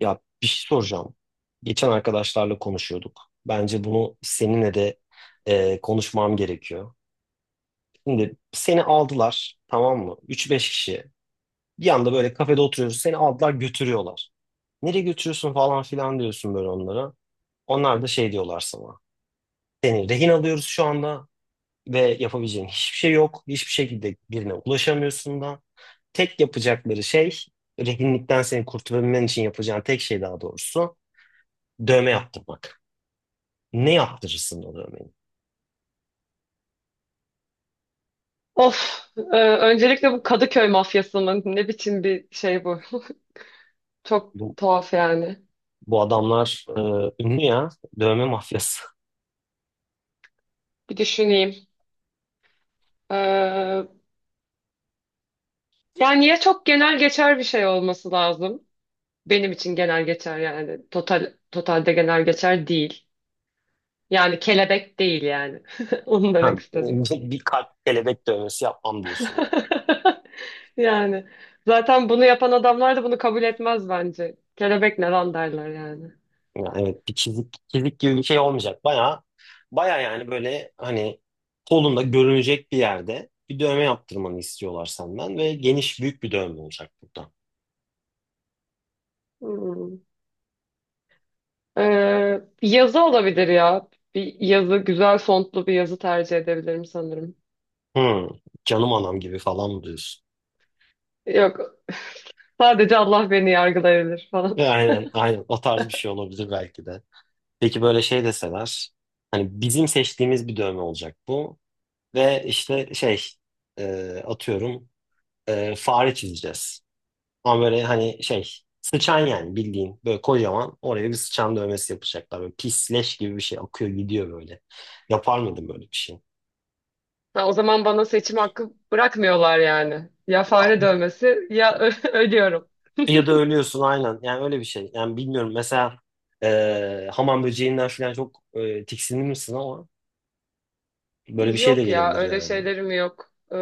Ya bir şey soracağım. Geçen arkadaşlarla konuşuyorduk. Bence bunu seninle de konuşmam gerekiyor. Şimdi seni aldılar tamam mı? Üç beş kişi. Bir anda böyle kafede oturuyorsun. Seni aldılar götürüyorlar. Nereye götürüyorsun falan filan diyorsun böyle onlara. Onlar da şey diyorlar sana. Seni rehin alıyoruz şu anda ve yapabileceğin hiçbir şey yok. Hiçbir şekilde birine ulaşamıyorsun da. Tek yapacakları şey rehinlikten seni kurtulabilmen için yapacağın tek şey daha doğrusu dövme yaptırmak. Ne yaptırırsın o dövmeyi? Of, öncelikle bu Kadıköy mafyası mı? Ne biçim bir şey bu? Çok Bu, tuhaf yani. bu adamlar ünlü ya. Dövme mafyası. Bir düşüneyim. E, yani ya çok genel geçer bir şey olması lazım. Benim için genel geçer yani. Totalde genel geçer değil. Yani kelebek değil yani. Onu Ha, demek istedim. bir kalp kelebek dövmesi yapmam diyorsun yani. Yani zaten bunu yapan adamlar da bunu kabul etmez bence. Kelebek ne lan derler yani. Yani evet bir çizik, çizik gibi bir şey olmayacak. Baya baya yani böyle hani kolunda görünecek bir yerde bir dövme yaptırmanı istiyorlar senden ve geniş büyük bir dövme olacak burada. Hmm. Bir yazı olabilir ya. Bir yazı, güzel fontlu bir yazı tercih edebilirim sanırım. Hmm, Canım anam gibi falan mı diyorsun? Yok, sadece Allah beni yargılayabilir falan. Aynen aynen, o tarz bir şey olabilir belki de. Peki böyle şey deseler hani bizim seçtiğimiz bir dövme olacak bu. Ve işte şey atıyorum fare çizeceğiz. Ama böyle hani şey sıçan yani bildiğin böyle kocaman oraya bir sıçan dövmesi yapacaklar. Böyle pis leş gibi bir şey akıyor gidiyor böyle. Yapar mıydım böyle bir şey? Ha, o zaman bana seçim hakkı bırakmıyorlar yani. Ya fare dövmesi ya ölüyorum. Ya da ölüyorsun aynen yani, öyle bir şey. Yani bilmiyorum, mesela hamam böceğinden falan çok tiksinir misin ama böyle bir şey de Yok ya gelebilir öyle yani. şeylerim yok.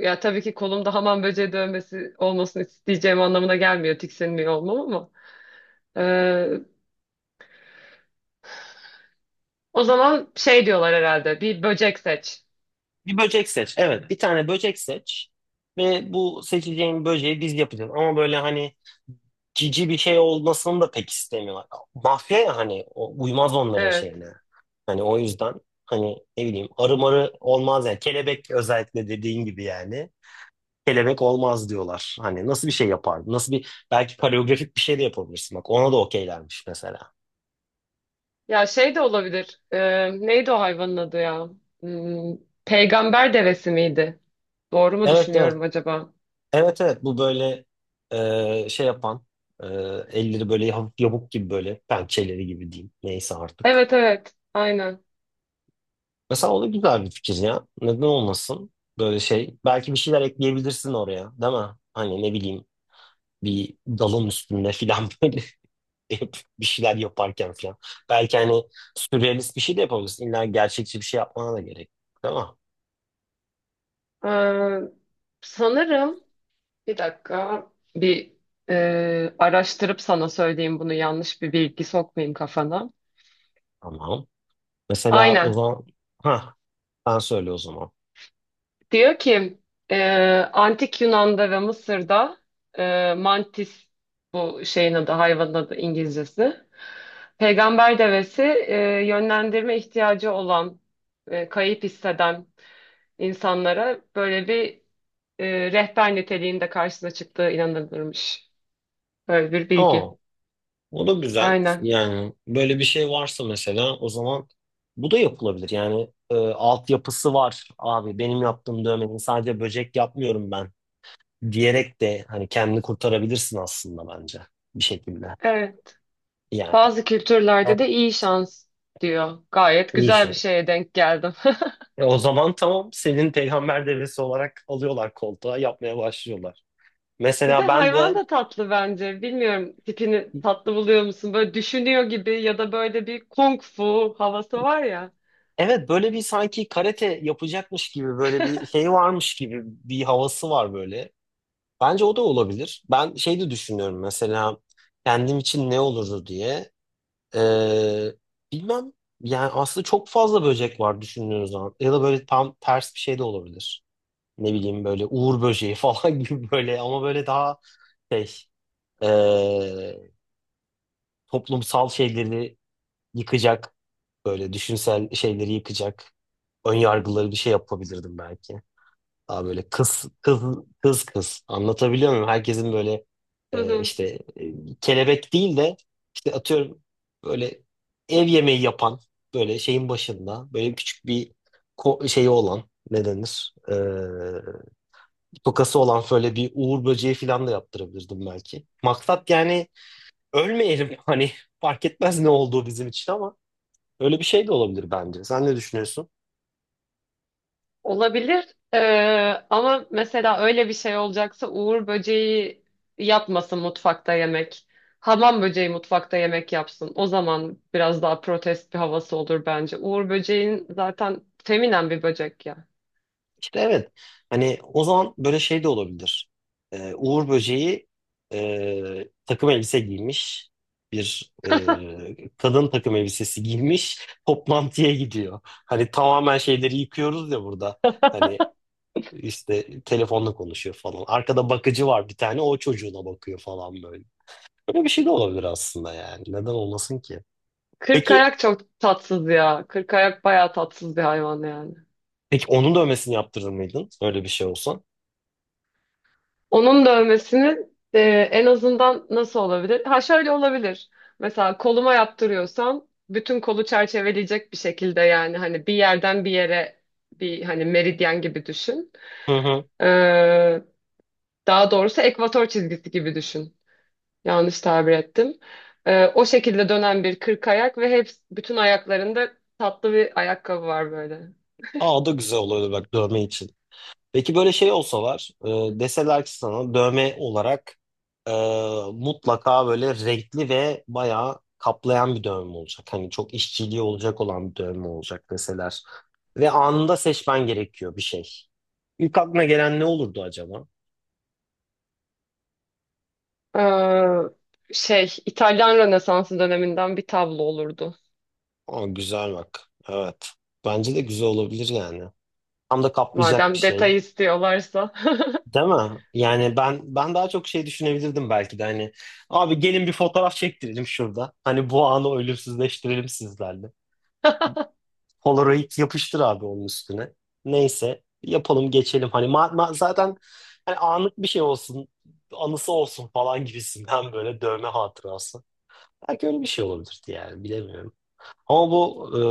Ya tabii ki kolumda hamam böceği dövmesi olmasını isteyeceğim anlamına gelmiyor tiksinmiyor olmam ama. Ee, o zaman şey diyorlar herhalde bir böcek seç. Bir böcek seç. Evet, bir tane böcek seç ve bu seçeceğin böceği biz yapacağız. Ama böyle hani cici bir şey olmasını da pek istemiyorlar. Mafya ya, hani o, uymaz onların Evet. şeyine. Hani o yüzden hani ne bileyim arı marı olmaz yani. Kelebek özellikle dediğin gibi yani. Kelebek olmaz diyorlar. Hani nasıl bir şey yapardın? Nasıl bir, belki koreografik bir şey de yapabilirsin. Bak ona da okeylermiş mesela. Ya şey de olabilir. Neydi o hayvanın adı ya? Hmm, peygamber devesi miydi? Doğru mu Evet evet. düşünüyorum acaba? Evet evet, bu böyle şey yapan, e, elleri böyle hafif yamuk gibi, böyle pençeleri gibi diyeyim, neyse artık. Evet evet aynen. Mesela o da güzel bir fikir ya. Neden olmasın böyle şey. Belki bir şeyler ekleyebilirsin oraya, değil mi? Hani ne bileyim, bir dalın üstünde filan böyle hep bir şeyler yaparken filan. Belki hani sürrealist bir şey de yapabilirsin. İlla gerçekçi bir şey yapmana da gerek yok, değil mi? Ee, sanırım. Bir dakika. Bir araştırıp sana söyleyeyim bunu yanlış bir bilgi sokmayayım kafana. Tamam. Mesela o Aynen. zaman ha, ben söyle o zaman. Diyor ki e, Antik Yunan'da ve Mısır'da mantis bu şeyin adı hayvanın adı İngilizcesi. Peygamber devesi yönlendirme ihtiyacı olan kayıp hisseden insanlara böyle bir rehber niteliğinde karşısına çıktığı inanılırmış. Böyle bir bilgi. Oo. O da güzel. Aynen. Yani böyle bir şey varsa mesela o zaman bu da yapılabilir. Yani altyapısı var abi benim yaptığım dövmenin, sadece böcek yapmıyorum ben diyerek de hani kendini kurtarabilirsin aslında bence bir şekilde. Evet. Yani Bazı kültürlerde de iyi şans diyor. Gayet güzel bir inşallah. şeye denk geldim. O zaman tamam, senin peygamber devesi olarak alıyorlar, koltuğa yapmaya başlıyorlar. Bir de Mesela ben hayvan de da tatlı bence. Bilmiyorum tipini tatlı buluyor musun? Böyle düşünüyor gibi ya da böyle bir kung fu havası var ya. evet, böyle bir sanki karate yapacakmış gibi, böyle bir şey varmış gibi bir havası var böyle. Bence o da olabilir. Ben şey de düşünüyorum mesela, kendim için ne olurdu diye. Ee, Bilmem, yani aslında çok fazla böcek var düşündüğünüz zaman. Ya da böyle tam ters bir şey de olabilir. Ne bileyim böyle uğur böceği falan gibi, böyle ama böyle daha şey, ee, toplumsal şeyleri yıkacak, böyle düşünsel şeyleri yıkacak, ön yargıları, bir şey yapabilirdim belki. Daha böyle kız kız, kız kız, anlatabiliyor muyum? Herkesin böyle Hı hı. işte kelebek değil de, işte atıyorum böyle ev yemeği yapan, böyle şeyin başında böyle küçük bir şeyi olan, ne denir? Tokası olan şöyle bir uğur böceği falan da yaptırabilirdim belki. Maksat yani ölmeyelim hani, fark etmez ne olduğu bizim için, ama öyle bir şey de olabilir bence. Sen ne düşünüyorsun? Olabilir. Ama mesela öyle bir şey olacaksa Uğur böceği yapmasın mutfakta yemek. Hamam böceği mutfakta yemek yapsın. O zaman biraz daha protest bir havası olur bence. Uğur böceğin zaten feminen bir böcek ya. İşte evet. Hani o zaman böyle şey de olabilir. Uğur Böceği takım elbise giymiş. Bir kadın takım elbisesi giymiş. Toplantıya gidiyor. Hani tamamen şeyleri yıkıyoruz ya burada. Hani işte telefonla konuşuyor falan. Arkada bakıcı var bir tane. O çocuğuna bakıyor falan böyle. Böyle bir şey de olabilir aslında yani. Neden olmasın ki? Kırk Peki, ayak çok tatsız ya. Kırk ayak bayağı tatsız bir hayvan yani. peki onun dövmesini yaptırır mıydın? Öyle bir şey olsa. Onun dövmesinin en azından nasıl olabilir? Ha şöyle olabilir. Mesela koluma yaptırıyorsan bütün kolu çerçeveleyecek bir şekilde, yani hani bir yerden bir yere, bir hani meridyen gibi düşün. Hı hı. Ee, daha doğrusu ekvator çizgisi gibi düşün. Yanlış tabir ettim. O şekilde dönen bir kırk ayak ve hep bütün ayaklarında tatlı bir ayakkabı var böyle. Aa, o da güzel olurdu bak, dövme için. Peki böyle şey olsa var, deseler ki sana dövme olarak e, mutlaka böyle renkli ve bayağı kaplayan bir dövme olacak. Hani çok işçiliği olacak olan bir dövme olacak deseler. Ve anında seçmen gerekiyor bir şey. İlk aklına gelen ne olurdu acaba? Şey İtalyan Rönesansı döneminden bir tablo olurdu. Aa, güzel bak. Evet. Bence de güzel olabilir yani. Tam da kaplayacak bir Madem detay şey. istiyorlarsa. Değil mi? Yani ben daha çok şey düşünebilirdim belki de hani, abi gelin bir fotoğraf çektirelim şurada. Hani bu anı ölümsüzleştirelim sizlerle. Polaroid yapıştır abi onun üstüne. Neyse yapalım geçelim. Hani zaten hani anlık bir şey olsun, anısı olsun falan gibisinden, böyle dövme hatırası. Belki öyle bir şey olabilirdi yani, bilemiyorum. Ama bu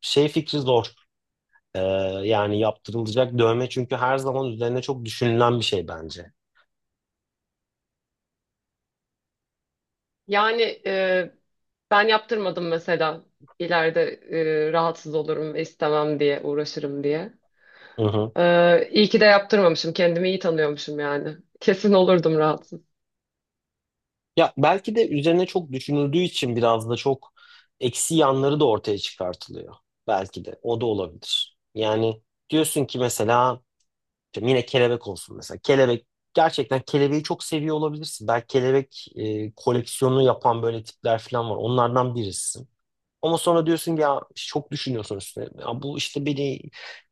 şey fikri zor. E, Yani yaptırılacak dövme çünkü her zaman üzerine çok düşünülen bir şey bence. Yani ben yaptırmadım mesela. İleride rahatsız olurum ve istemem diye uğraşırım diye. Hı hı. İyi ki de yaptırmamışım. Kendimi iyi tanıyormuşum yani. Kesin olurdum rahatsız. Ya belki de üzerine çok düşünüldüğü için biraz da çok eksi yanları da ortaya çıkartılıyor. Belki de o da olabilir. Yani diyorsun ki mesela, işte yine kelebek olsun mesela. Kelebek, gerçekten kelebeği çok seviyor olabilirsin. Belki kelebek koleksiyonu yapan böyle tipler falan var. Onlardan birisin. Ama sonra diyorsun ki, ya işte çok düşünüyorsun üstüne. Ya bu işte beni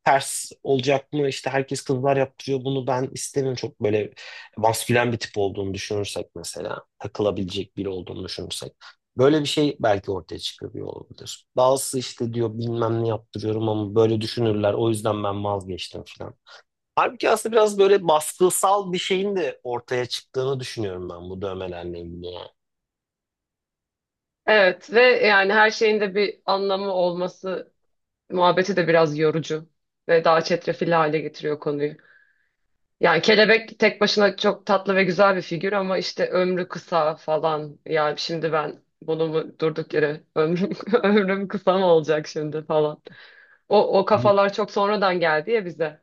ters olacak mı? İşte herkes kızlar yaptırıyor bunu, ben istemiyorum. Çok böyle maskülen bir tip olduğunu düşünürsek mesela. Takılabilecek biri olduğunu düşünürsek. Böyle bir şey belki ortaya çıkıyor olabilir. Bazısı işte diyor bilmem ne yaptırıyorum ama böyle düşünürler. O yüzden ben vazgeçtim falan. Halbuki aslında biraz böyle baskısal bir şeyin de ortaya çıktığını düşünüyorum ben bu dövmelerle ilgili. Evet, ve yani her şeyin de bir anlamı olması muhabbeti de biraz yorucu ve daha çetrefilli hale getiriyor konuyu. Yani kelebek tek başına çok tatlı ve güzel bir figür ama işte ömrü kısa falan. Yani şimdi ben bunu mu, durduk yere ömrüm, ömrüm kısa mı olacak şimdi falan. O, o Yani. kafalar çok sonradan geldi ya bize.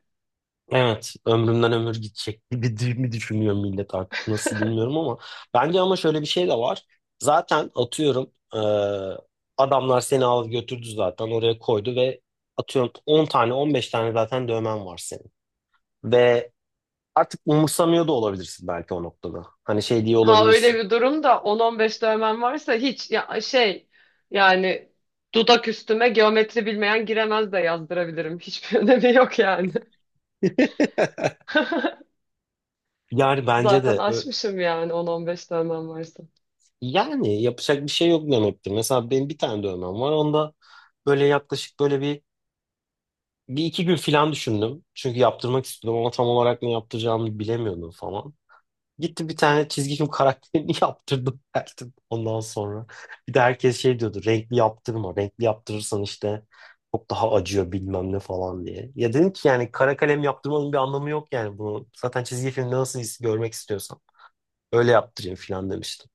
Evet, ömrümden ömür gidecek gibi mi düşünüyor millet artık, nasıl bilmiyorum, ama bence ama şöyle bir şey de var. Zaten atıyorum, adamlar seni alıp götürdü, zaten oraya koydu ve atıyorum 10 tane 15 tane zaten dövmen var senin. Ve artık umursamıyor da olabilirsin belki o noktada. Hani şey diye Ha öyle olabilirsin. bir durumda 10-15 dövmen varsa hiç ya şey, yani dudak üstüme geometri bilmeyen giremez de yazdırabilirim. Hiçbir önemi yok yani. Yani bence Zaten de aşmışım yani 10-15 dövmem varsa. yani yapacak bir şey yok demektir. Mesela benim bir tane dövmem var. Onda böyle yaklaşık böyle bir iki gün filan düşündüm. Çünkü yaptırmak istiyordum ama tam olarak ne yaptıracağımı bilemiyordum falan. Gitti bir tane çizgi film karakterini yaptırdım geldim ondan sonra. Bir de herkes şey diyordu, renkli yaptırma. Renkli yaptırırsan işte çok daha acıyor bilmem ne falan diye. Ya dedim ki yani, kara kalem yaptırmanın bir anlamı yok yani bunu. Zaten çizgi filmde nasıl görmek istiyorsan öyle yaptırayım filan demiştim.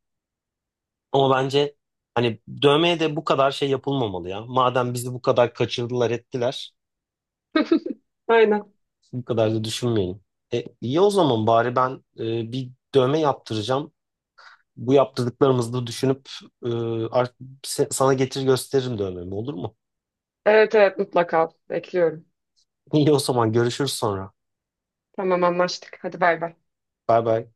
Ama bence hani dövmeye de bu kadar şey yapılmamalı ya. Madem bizi bu kadar kaçırdılar ettiler. Aynen. Bu kadar da düşünmeyelim. İyi o zaman bari ben bir dövme yaptıracağım. Bu yaptırdıklarımızı da düşünüp e, art- sana getir gösteririm dövmemi, olur mu? Evet evet mutlaka bekliyorum. İyi o zaman görüşürüz sonra. Tamam anlaştık. Hadi bay bay. Bay bay.